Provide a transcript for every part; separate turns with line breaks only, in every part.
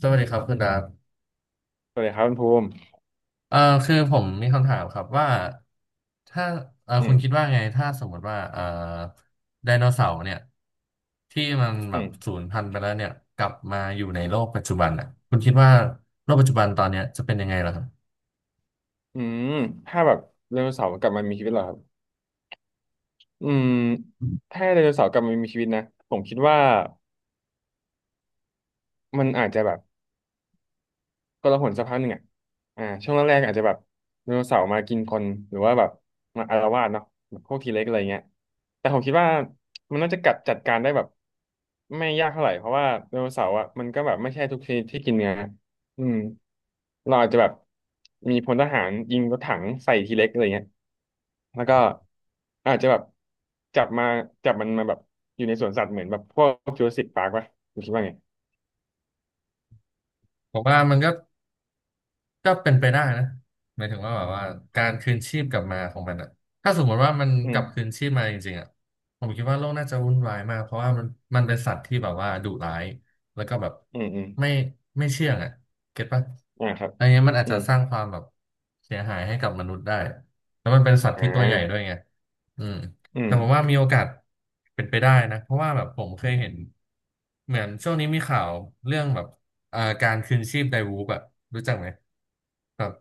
สวัสดีครับคุณดาบ
สวัสดีครับคุณภูมิ
เอ่อคือผมมีคำถามครับว่าถ้า
อื
คุณคิด
ม
ว่าไงถ้าสมมติว่าไดโนเสาร์เนี่ยที่มันแบ
อื
บ
ม
สูญพันธุ์ไปแล้วเนี่ยกลับมาอยู่ในโลกปัจจุบันอ่ะคุณคิดว่าโลกปัจจุบันตอนเนี้ยจะเป็นยังไงล่ะครับ
อืมถ้าแบบไดโนเสาร์กลับมามีชีวิตเหรอครับอืมถ้าไดโนเสาร์กลับมามีชีวิตนะผมคิดว่ามันอาจจะแบบ กละหนสักพักหนึ่งอ่ะช่วงแรกๆอาจจะแบบไดโนเสาร์มากินคนหรือว่าแบบมาอาละวาดเนาะแบบพวกทีเล็กอะไรเงี้ยแต่ผมคิดว่ามันน่าจะกัดจัดการได้แบบไม่ยากเท่าไหร่เพราะว่าไดโนเสาร์อ่ะมันก็แบบไม่ใช่ทุกชนิดที่กินเนื้ออืมเราอาจจะแบบมีพลทหารยิงรถถังใส่ทีเล็กอะไรเงี้ยแล้วก็อาจจะแบบจับมาจับมันมาแบบอยู่ในสวนสัตว์เหมือนแบบพวกจูราสสิคปาร์คป่ะคุณคิดว่าไง
ผมว่ามันก็เป็นไปได้นะหมายถึงว่าแบบว่าการคืนชีพกลับมาของมันอะถ้าสมมติว่ามัน
อื
กลับ
ม
คืนชีพมาจริงๆอะผมคิดว่าโลกน่าจะวุ่นวายมากเพราะว่ามันเป็นสัตว์ที่แบบว่าดุร้ายแล้วก็แบบ
อืมอืม
ไม่ไม่เชื่องอะเก็ตปะ
อ่าครับ
อันเนี้ยมันอาจ
อื
จะ
ม
สร้างความแบบเสียหายให้กับมนุษย์ได้แล้วมันเป็นสัตว์
อ่
ที่ตัวใหญ่ด้วย
า
ไงอืม
อื
แต่
ม
ผมว่ามีโอกาสเป็นไปได้นะเพราะว่าแบบผมเคยเห็นเหมือนช่วงนี้มีข่าวเรื่องแบบการคืนชีพไดวูฟอะรู้จักไหม แบบ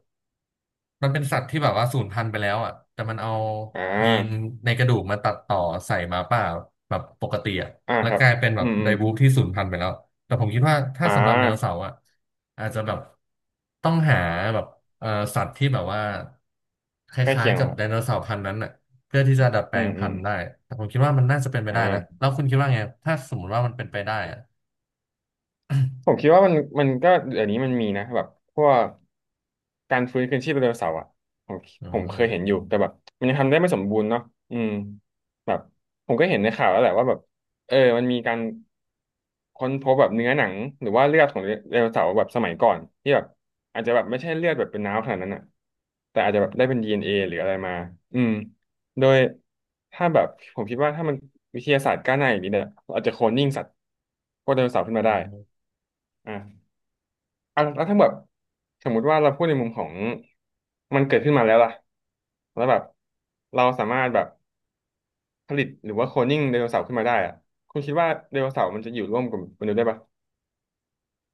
มันเป็นสัตว์ที่แบบว่าสูญพันธุ์ไปแล้วอ่ะแต่มันเอา
อ่า
ยีนในกระดูกมาตัดต่อใส่หมาป่าแบบปกติอ่ะ
อ่า
แล้ว
ครั
ก
บ
ลายเป็นแบ
อื
บ
มอื
ได
ม
บูฟที่สูญพันธุ์ไปแล้วแต่ผมคิดว่าถ้า
อ่า
สำหรับไดโนเสาร์อ่ะอาจจะแบบต้องหาแบบเอ่อสัตว์ที่แบบว่าค
ใกล้
ล้า
เคี
ย
ยง
ๆ
เหร
กั
อ
บ
ครั
ได
บ
โนเสาร์พันธุ์นั้นอ่ะเพื่อที่จะดัดแป
อื
ลง
มอื
พัน
ม
ธุ์ได้แต่ผมคิดว่ามันน่าจะเป็นไป
อ่า
ได้นะแล้วคุณคิดว่าไงถ้าสมมติว่ามันเป็นไปได้อ่ะ
ผมคิดว่ามันก็เดี๋ยวนี้มันมีนะแบบพวกการฟื้นคืนชีพไดโนเสาร์อ่ะผม
อ
ผม
ื
เคยเห็นอยู่ แต่แบบมันยังทำได้ไม่สมบูรณ์เนาะอืมแบบผมก็เห็นในข่าวแล้วแหละว่าแบบเออมันมีการ ค้นพบแบบเนื้อหนังหรือว่าเลือดของไดโนเสาร์แบบสมัยก่อนที่แบบอาจจะแบบไม่ใช่เลือดแบบเป็นน้ำขนาดนั้นอ่ะแต่อาจจะแบบได้เป็น DNA หรืออะไรมาอืมโดยถ้าแบบผมคิดว่าถ้ามันวิทยาศาสตร์ก้าวหน้าอย่างนี้เนี่ยเราอาจจะโคลนนิ่งสัตว์พวกไดโนเสาร์ขึ้นมาได้
ม
อ่ะอ่ะแล้วถ้าแบบสมมุติว่าเราพูดในมุมของมันเกิดขึ้นมาแล้วล่ะแล้วแบบเราสามารถแบบผลิตหรือว่าโคลนนิ่งไดโนเสาร์ขึ้นมาได้อ่ะคุณคิดว่าไดโนเสาร์มันจะอยู่ร่วมกับมนุษย์ได้ปะ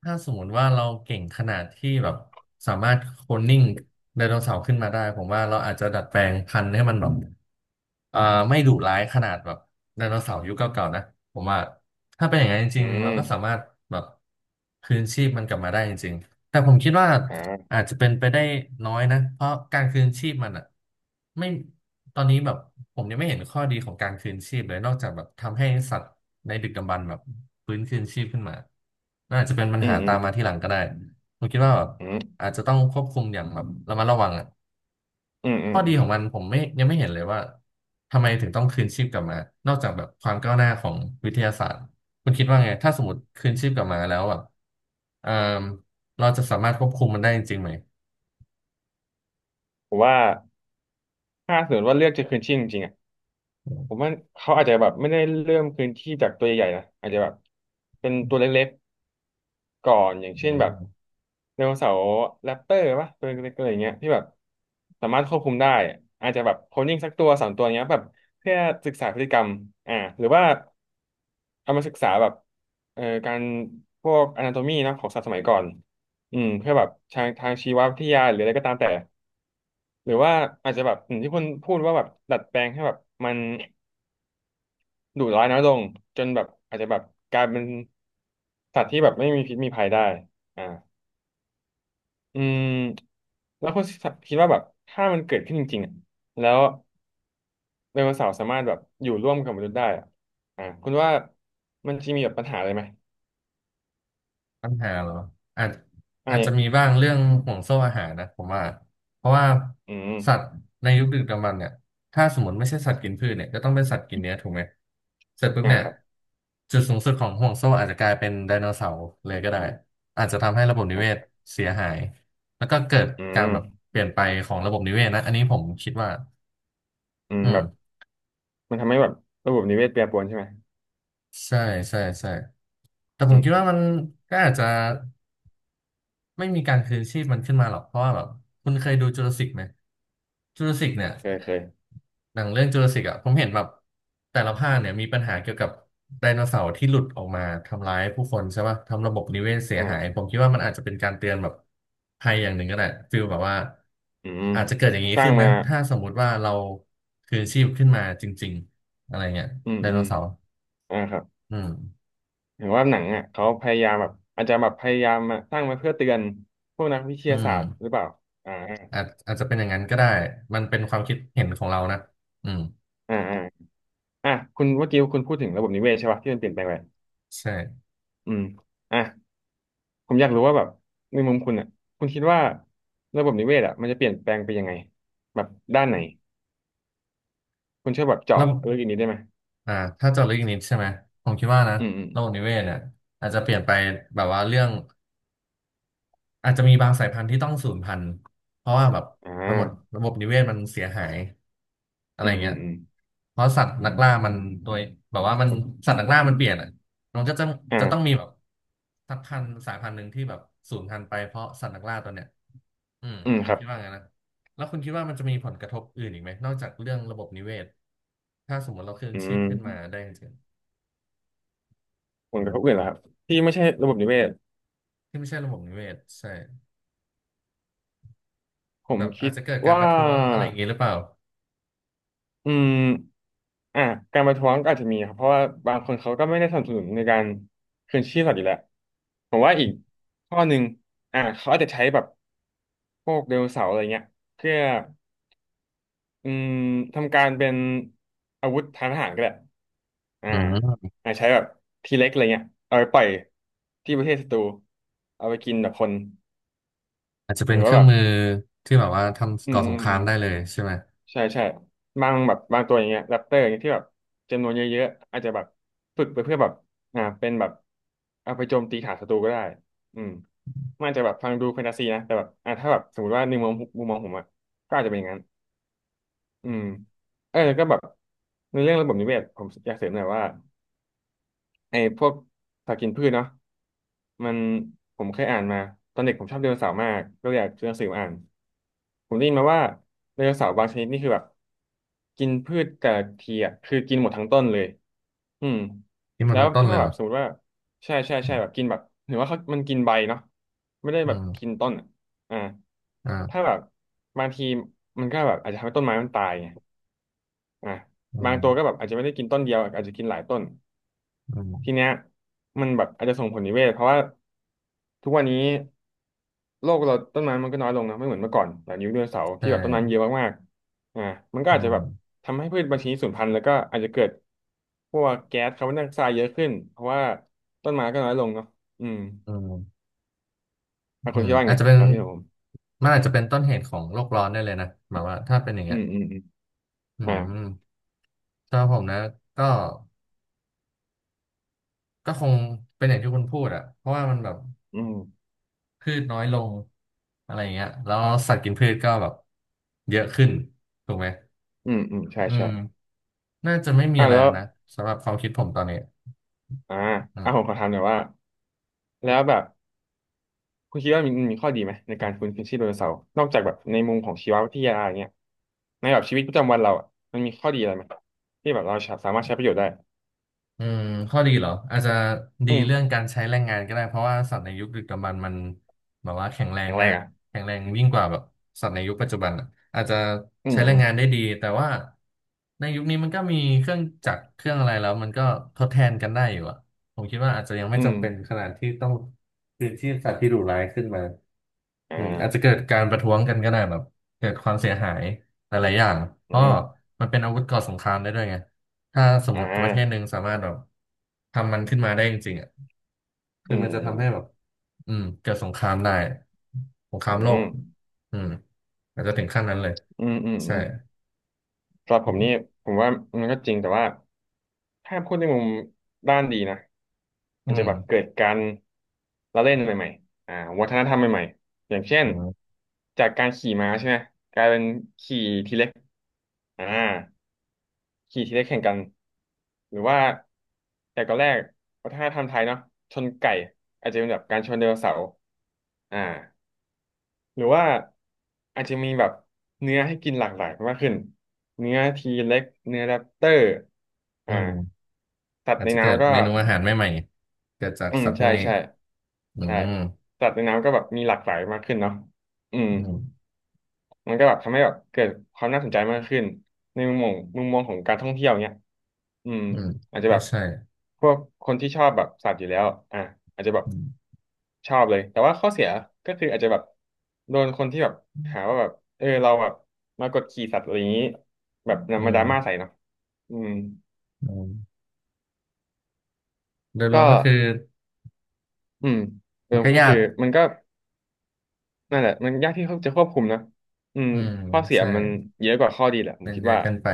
ถ้าสมมติว่าเราเก่งขนาดที่แบบสามารถโคลนนิ่งไดโนเสาร์ขึ้นมาได้ผมว่าเราอาจจะดัดแปลงพันธุ์ให้มันแบบอ่าไม่ดุร้ายขนาดแบบไดโนเสาร์ยุคเก่าๆนะผมว่าถ้าเป็นอย่างนั้นจ
อื
ริงๆเรา
ม
ก็สามารถแบบคืนชีพมันกลับมาได้จริงๆแต่ผมคิดว่า
อ่า
อาจจะเป็นไปได้น้อยนะเพราะการคืนชีพมันอ่ะไม่ตอนนี้แบบผมยังไม่เห็นข้อดีของการคืนชีพเลยนอกจากแบบทำให้สัตว์ในดึกดำบรรพ์แบบฟื้นคืนชีพขึ้นมา น่าจะเป็นปัญ
อื
หา
มอื
ตา
ม
มมาทีหลังก็ได้ ผมคิดว่าแบบ
อืม
อาจจะต้องควบคุมอย่างแบบระมัดระวังอ่ะ
อืมอืม
ข้อ
อื
ดี
ม
ของมันผมไม่ยังไม่เห็นเลยว่าทำไมถึงต้องคืนชีพกลับมา นอกจากแบบความก้าวหน้าของวิทยาศาสตร์คุณคิดว่าไงถ้าสมมติคืนชีพกลับมาแล้วแบบเอ่อเราจะสามารถควบคุมมันได้จริงๆไหม
ผมว่าถ้าสมมติว่าเลือกจะคืนชีพจริงๆอ่ะผมว่าเขาอาจจะแบบไม่ได้เริ่มคืนชีพจากตัวใหญ่ๆนะอาจจะแบบเป็นตัวเล็กๆก่อนอย่าง
อื
เช่นแบบ
ม
ไดโนเสาร์แรปเตอร์ป่ะตัวเล็กๆอะไรอย่างเงี้ยที่แบบสามารถควบคุมได้อาจจะแบบโคลนนิ่งสักตัวสามตัวเงี้ยแบบเพื่อศึกษาพฤติกรรมอ่าหรือว่าเอามาศึกษาแบบการพวกอนาโตมีนะของสัตว์สมัยก่อนอืมเพื่อแบบทางชีววิทยาหรืออะไรก็ตามแต่ หรือว่าอาจจะแบบอย่างที่คุณพูดว่าแบบดัดแปลงให้แบบมันดุร้ายน้อยลงจนแบบอาจจะแบบกลายเป็นสัตว์ที่แบบไม่มีพิษมีภัยได้อ่าอืมแล้วคุณคิดว่าแบบถ้ามันเกิดขึ้นจริงๆอ่ะแล้วไดโนเสาร์สามารถแบบอยู่ร่วมกับมนุษย์ได้อ่ะอ่าคุณว่ามันจะมีแบบปัญหาอะไรไหม
ปัญหาเหรออาจ
อ่า
อาจ
เนี่
จะ
ย
มีบ้างเรื่องห่วงโซ่อาหารนะผมว่า เพราะว่า
อืม
สัตว์ในยุคดึกดำบรรพ์เนี่ยถ้าสมมติไม่ใช่สัตว์กินพืชเนี่ยก็ต้องเป็นสัตว์กินเนื้อถูกไหมเสร็จปุ๊บ
อ่า
เนี่ย
ครับ
จุดสูงสุดของห่วงโซ่อาจจะกลายเป็นไดโนเสาร์เลยก็ได้ อาจจะทำให้ระบบนิ
อ่
เวศ
า
เสียหาย แล้วก็เกิด
อื
การ
ม
แบบเปลี่ยนไปของระบบนิเวศนะอันนี้ผมคิดว่า
อืม
อื
แบบ
ม
มันทำให้แบบระบบนิเวศแปรปรวนใช่ไหม
ใช่ใช่ใช่แต่ผ
อื
มคิดว่ามั
ม
นก็อาจจะ ไม่มีการคืนชีพมันขึ้นมาหรอกเพราะว่าแบบคุณเคยดูจูราสสิกไหมจูราสสิกเนี่ย
เคยเคย
หนังเรื่องจูราสสิกอ่ะผมเห็นแบบแต่ละภาคเนี่ยมีปัญหาเกี่ยวกับไดโนเสาร์ที่หลุดออกมาทำร้ายผู้คนใช่ป่ะทำระบบนิเวศเสียหาย
อ่า
ผมคิดว่ามันอาจจะเป็นการเตือนแบบภัยอย่างหนึ่งก็ได้ฟีลแบบว่า
อืม
อาจจะเกิดอย่างนี้
สร้า
ขึ้
ง
นนะ
มา
ถ้าสมมุติว่าเราคืนชีพขึ้นมาจริงๆอะไรเงี้ย
อืม
ไดโน
อืม
เสาร์
อ่าครับ
อืม
เห็นว่าหนังอ่ะเขาพยายามแบบอาจจะแบบพยายามมาสร้างมาเพื่อเตือนพวกนักวิท
อื
ยา
ม
ศาสตร์หรือเปล่าอ่า
อาจจะเป็นอย่างนั้นก็ได้มันเป็นความคิดเห็นของเรานะอืม
อ่าอ่าอ่ะคุณเมื่อกี้คุณพูดถึงระบบนิเวศใช่ป่ะที่มันเปลี่ยนแปลงไป
ใช่
อืมอ่ะผมอยากรู้ว่าแบบในมุมคุณอ่ะคุณคิดว่าระบบนิเวศอ่ะมันจะเปลี่ยนแปลงไปยังไงแบบด้านไหนคุณช่วยแบบเจาะ
ระบบ
ลึกอีกนิดได้ไหม
อ่าถ้าเจาะลึกอีกนิดใช่ไหมผมคิดว่านะ
อืมอืม
ระบบนิเวศเนี่ยอาจจะเปลี่ยนไปแบบว่าเรื่องอาจจะมีบางสายพันธุ์ที่ต้องสูญพันธุ์เพราะว่าแบบ
อ่
ระบบ
า
ระบบนิเวศมันเสียหายอะไร
อืมอื
เงี้
ม
ย
อืม
เพราะสัตว์นักล่ามันโดยแบบว่ามันสัตว์นักล่ามันเปลี่ยนอ่ะมันก็จะต้องมี
อ่า
แบบสักพันธุ์สายพันธุ์หนึ่งที่แบบสูญพันธุ์ไปเพราะสัตว์นักล่าตัวเนี้ยอืม
อืม
ผ
ค
ม
รับ
คิดว่างั้นนะแล้วคุณคิดว่ามันจะมีผลกระทบอื่นอีกไหมนอกจากเรื่องระบบนิเวศถ้าสมมติเราคืน
อื
ชีพขึ้นมา
ม
ได้จริง
ผลกระทบอื่นเหรอครับที่ไม่ใช่ระบบนิเวศ
ที่ไม่ใช่ระบบนิเวศใช่
ผ
แบ
ม
บ
คิ
อาจ
ด
จะเกิดการ
ว่า
ประท้วงอะไรอย่างงี้หรือเปล่า
อืมอ่ะการประท้วงก็อาจจะมีครับเพราะว่าบางคนเขาก็ไม่ได้สนับสนุนในการคืนชีพสัตว์อยู่แล้วผมว่าอีกข้อหนึ่งอ่ะเขาอาจจะใช้แบบพวกไดโนเสาร์อะไรเงี้ยเพื่ออืมทำการเป็นอาวุธทางทหารก็ได้อ่า
อืม
อ่ะใช้แบบทีเล็กอะไรเงี้ยเอาไปปล่อยที่ประเทศศัตรูเอาไปกินแบบคน
อาจจะ
ห
เป็
รื
น
อ
เค
ว่า
รื่อ
แบ
ง
บ
มือที่แบบว่า
อื
ทำก่
ม
อ
อื
สง
ม
ครา
อื
ม
ม
ได้เลยใช่ไหม
ใช่ใช่บางแบบบางตัวอย่างเงี้ยแรปเตอร์อย่างเงี้ยที่แบบจำนวนเยอะๆอาจจะแบบฝึกไปเพื่อแบบอ่าเป็นแบบเอาไปโจมตีฐานศัตรูก็ได้อืมมันอาจจะแบบฟังดูแฟนตาซีนะแต่แบบอ่าถ้าแบบสมมติว่าในมุมมองมุมมองผมอะก็อาจจะเป็นอย่างนั้นอืมเออแล้วก็แบบในเรื่องระบบนิเวศผมอยากเสริมหน่อยว่า ไอ้พวกผักกินพืชเนาะมันผมเคยอ่านมาตอนเด็กผมชอบไดโนเสาร์มากก็เลยอยากซื้อหนังสือมาอ่านผมได้ยินมาว่าไดโนเสาร์บางชนิดนี่คือแบบกินพืชแต่ละทีอ่ะคือกินหมดทั้งต้นเลยอืม
นี่มัน
แล้ว
ทั้งต้น
ถ้า
เลย
แบ
เหร
บ
อ
สมมติว่าใช่ใช่ใช่แบบกินแบบหรือว่าเขามันกินใบเนาะไม่ได้
อื
แบบ
ม
กินต้นอะอ่าถ้า
อ่า
แบบบางทีมันก็แบบอาจจะทำให้ต้นไม้มันตายไงอ่า
อื
บา
ม
งตัวก็แบบอาจจะไม่ได้กินต้นเดียวอาจจะกินหลายต้น
อืม
ทีเนี้ยมันแบบอาจจะส่งผลนิเวศเพราะว่าทุกวันนี้โลกเราต้นไม้มันก็น้อยลงนะไม่เหมือนเมื่อก่อนแบบยุคไดโนเสาร์
ใช
ที่แบบต้นไม้
่
เยอะมากๆอ่ามันก็
อื
อาจจะ
ม
แบบทำให้พืชบางชนิดสูญพันธุ์แล้วก็อาจจะเกิดพวกแก๊สคาร์บอนไดออกไซด์เยอะขึ้นเพราะว่าต้นไม้ก็น้อยลงเนาะอืม
อืม
อ่ะ
อื
คุณ
ม
คิดว่า
อาจ
ไง
จะเป็น
ความคิดของผม
มันอาจจะเป็นต้นเหตุของโลกร้อนได้เลยนะแบบว่าถ้าเป็นอย่าง
อื
เงี้ย
มอืมอืม
อื
อ่า
มสำหรับผมนะก็ก็คงเป็นอย่างที่คุณพูดอะเพราะว่ามันแบบ
อืม
พืชน้อยลงอะไรอย่างเงี้ยแล้วสัตว์กินพืชก็แบบเยอะขึ้นถูกไหม
อืมอืมใช่
อื
ใช่
ม น่าจะไม่มี
อ่ะ
อะไร
แล้
แล้
ว
วนะสำหรับความคิดผมตอนนี้
อ่า
อื
อ่ะผมข
ม
อถามหน่อยว่าแล้วแบบ คุณคิดว่ามันมีข้อดีไหมในการฟื้นคืนชีพไดโนเสาร์นอกจากแบบในมุมของชีววิทยาอย่างเงี้ยในแบบชีวิตประจำวันเราอ่ะมันมีข้อดีอะไรไหมที่แบบเราสามารถใช้ประโยชน์ได้
อืมข้อดีเหรออาจจะดี
อืม
เรื่องการใช้แรงงานก็ได้เพราะว่าสัตว์ในยุคดึกดำบรรพ์มันแบบว่าแข็งแรง
แข็งแร
มา
ง
ก
อ่ะ
แข็งแรงยิ่งกว่าแบบสัตว์ในยุคปัจจุบันอะอาจจะ
อืม
ใช้แร
อื
ง
ม
งานได้ดีแต่ว่าในยุคนี้มันก็มีเครื่องจักรเครื่องอะไรแล้วมันก็ทดแทนกันได้อยู่อะผมคิดว่าอาจจะยังไม่
อืม
จำเป็นขนาดที่ต้องคืนชีพสัตว์ที่ดุร้ายขึ้นมา
อ่
อืมอาจจะ
า
เกิดการประท้วงกันก็ได้แบบเกิดความเสียหายหลายๆอย่างเพ
อื
ราะ
ม
มันเป็นอาวุธก่อสงครามได้ด้วยไงถ้าสม
อ่
มติประเทศหนึ่
า
งสามารถแบบทำมันขึ้นมาได้จริงๆอ่ะคื
อื
อมันจะทำให้แบบ
ม
อืมเกิดสงครามได้สงครา
อื
มโลก
ม
อืมอาจจะถึงขั้นนั้นเลย
อืมอืม
ใช่
อืมอืมสำหรับผ
อื
ม
ม
นี่ผมว่ามันก็จริงแต่ว่า ถ้าพูดในมุมด้านดีนะ
อื
มันจะ
ม
แบบเกิดการละเล่นใหม่ๆอ่าวัฒนธรรมใหม่ๆอย่างเช่
อื
น
ม
จากการขี่ม้าใช่ไหมกลายเป็นขี่ทีเล็กอ่าขี่ทีเล็กแข่งกันหรือว่าแต่ก่อนแรกวัฒนธรรมไทยเนาะชนไก่อาจจะเป็นแบบการชนไดโนเสาร์อ่า หรือว่าอาจจะมีแบบเนื้อให้กินหลากหลายมากขึ้นเนื้อทีเล็กเนื้อแรปเตอร์
อื
อ่า
ม
สัตว์
อาจ
ใน
จะเกิด
น้ำก็
เมนูอาหารใหม่ๆเกิดจาก
อืม
สัตว์พว
ใช่
กนี้
ใช่
อื
ใช่
ม
สัตว์ในน้ำก็แบบมีหลากหลายมากขึ้นเนาะอืม
อืม
มันก็แบบทำให้แบบเกิดความน่าสนใจมากขึ้นในมุมมองของการท่องเที่ยวเนี้ยอืม
อืม
อาจจะ
ก็
แบบ
ใช่
พวกคนที่ชอบแบบสัตว์อยู่แล้วอ่ะอาจจะแบบ
อืม
ชอบเลยแต่ว่าข้อเสียก็คืออาจจะแบบโดนคนที่แบบหาว่าแบบเออเราแบบมากดขี่สัตว์อะไรอย่างนี้แบบ
อื
นำมาดราม่าใส่
ม
เนาะอืม
อืมโดยร
ก็
วมก็คือ
อืมเดิ
มัน
ม
ก็
ก็
ยา
คือ
ก
มันก็นั่นแหละมันยากที่เขาจะควบคุมนะอืม
อืม
ข้อเสีย
ใช่
มันเยอะกว่าข้อดีแหละผ
เป็
ม
น
คิด
เยอะ
ว่า
เกันไป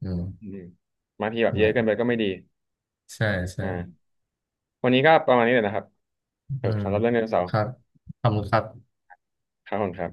อืม
อืมบางทีแบบ
นั่น
เย
แห
อะ
ละ
เกินไปก็ไม่ดี
ใช่ ใช่
อ่าวันนี้ก็ประมาณนี้เลยนะครับเอ
อื
อ
ม
สำหรับเรื่องไดโนเสา
ค
ร์
รับขอบคุณครับ
ครับผมครับ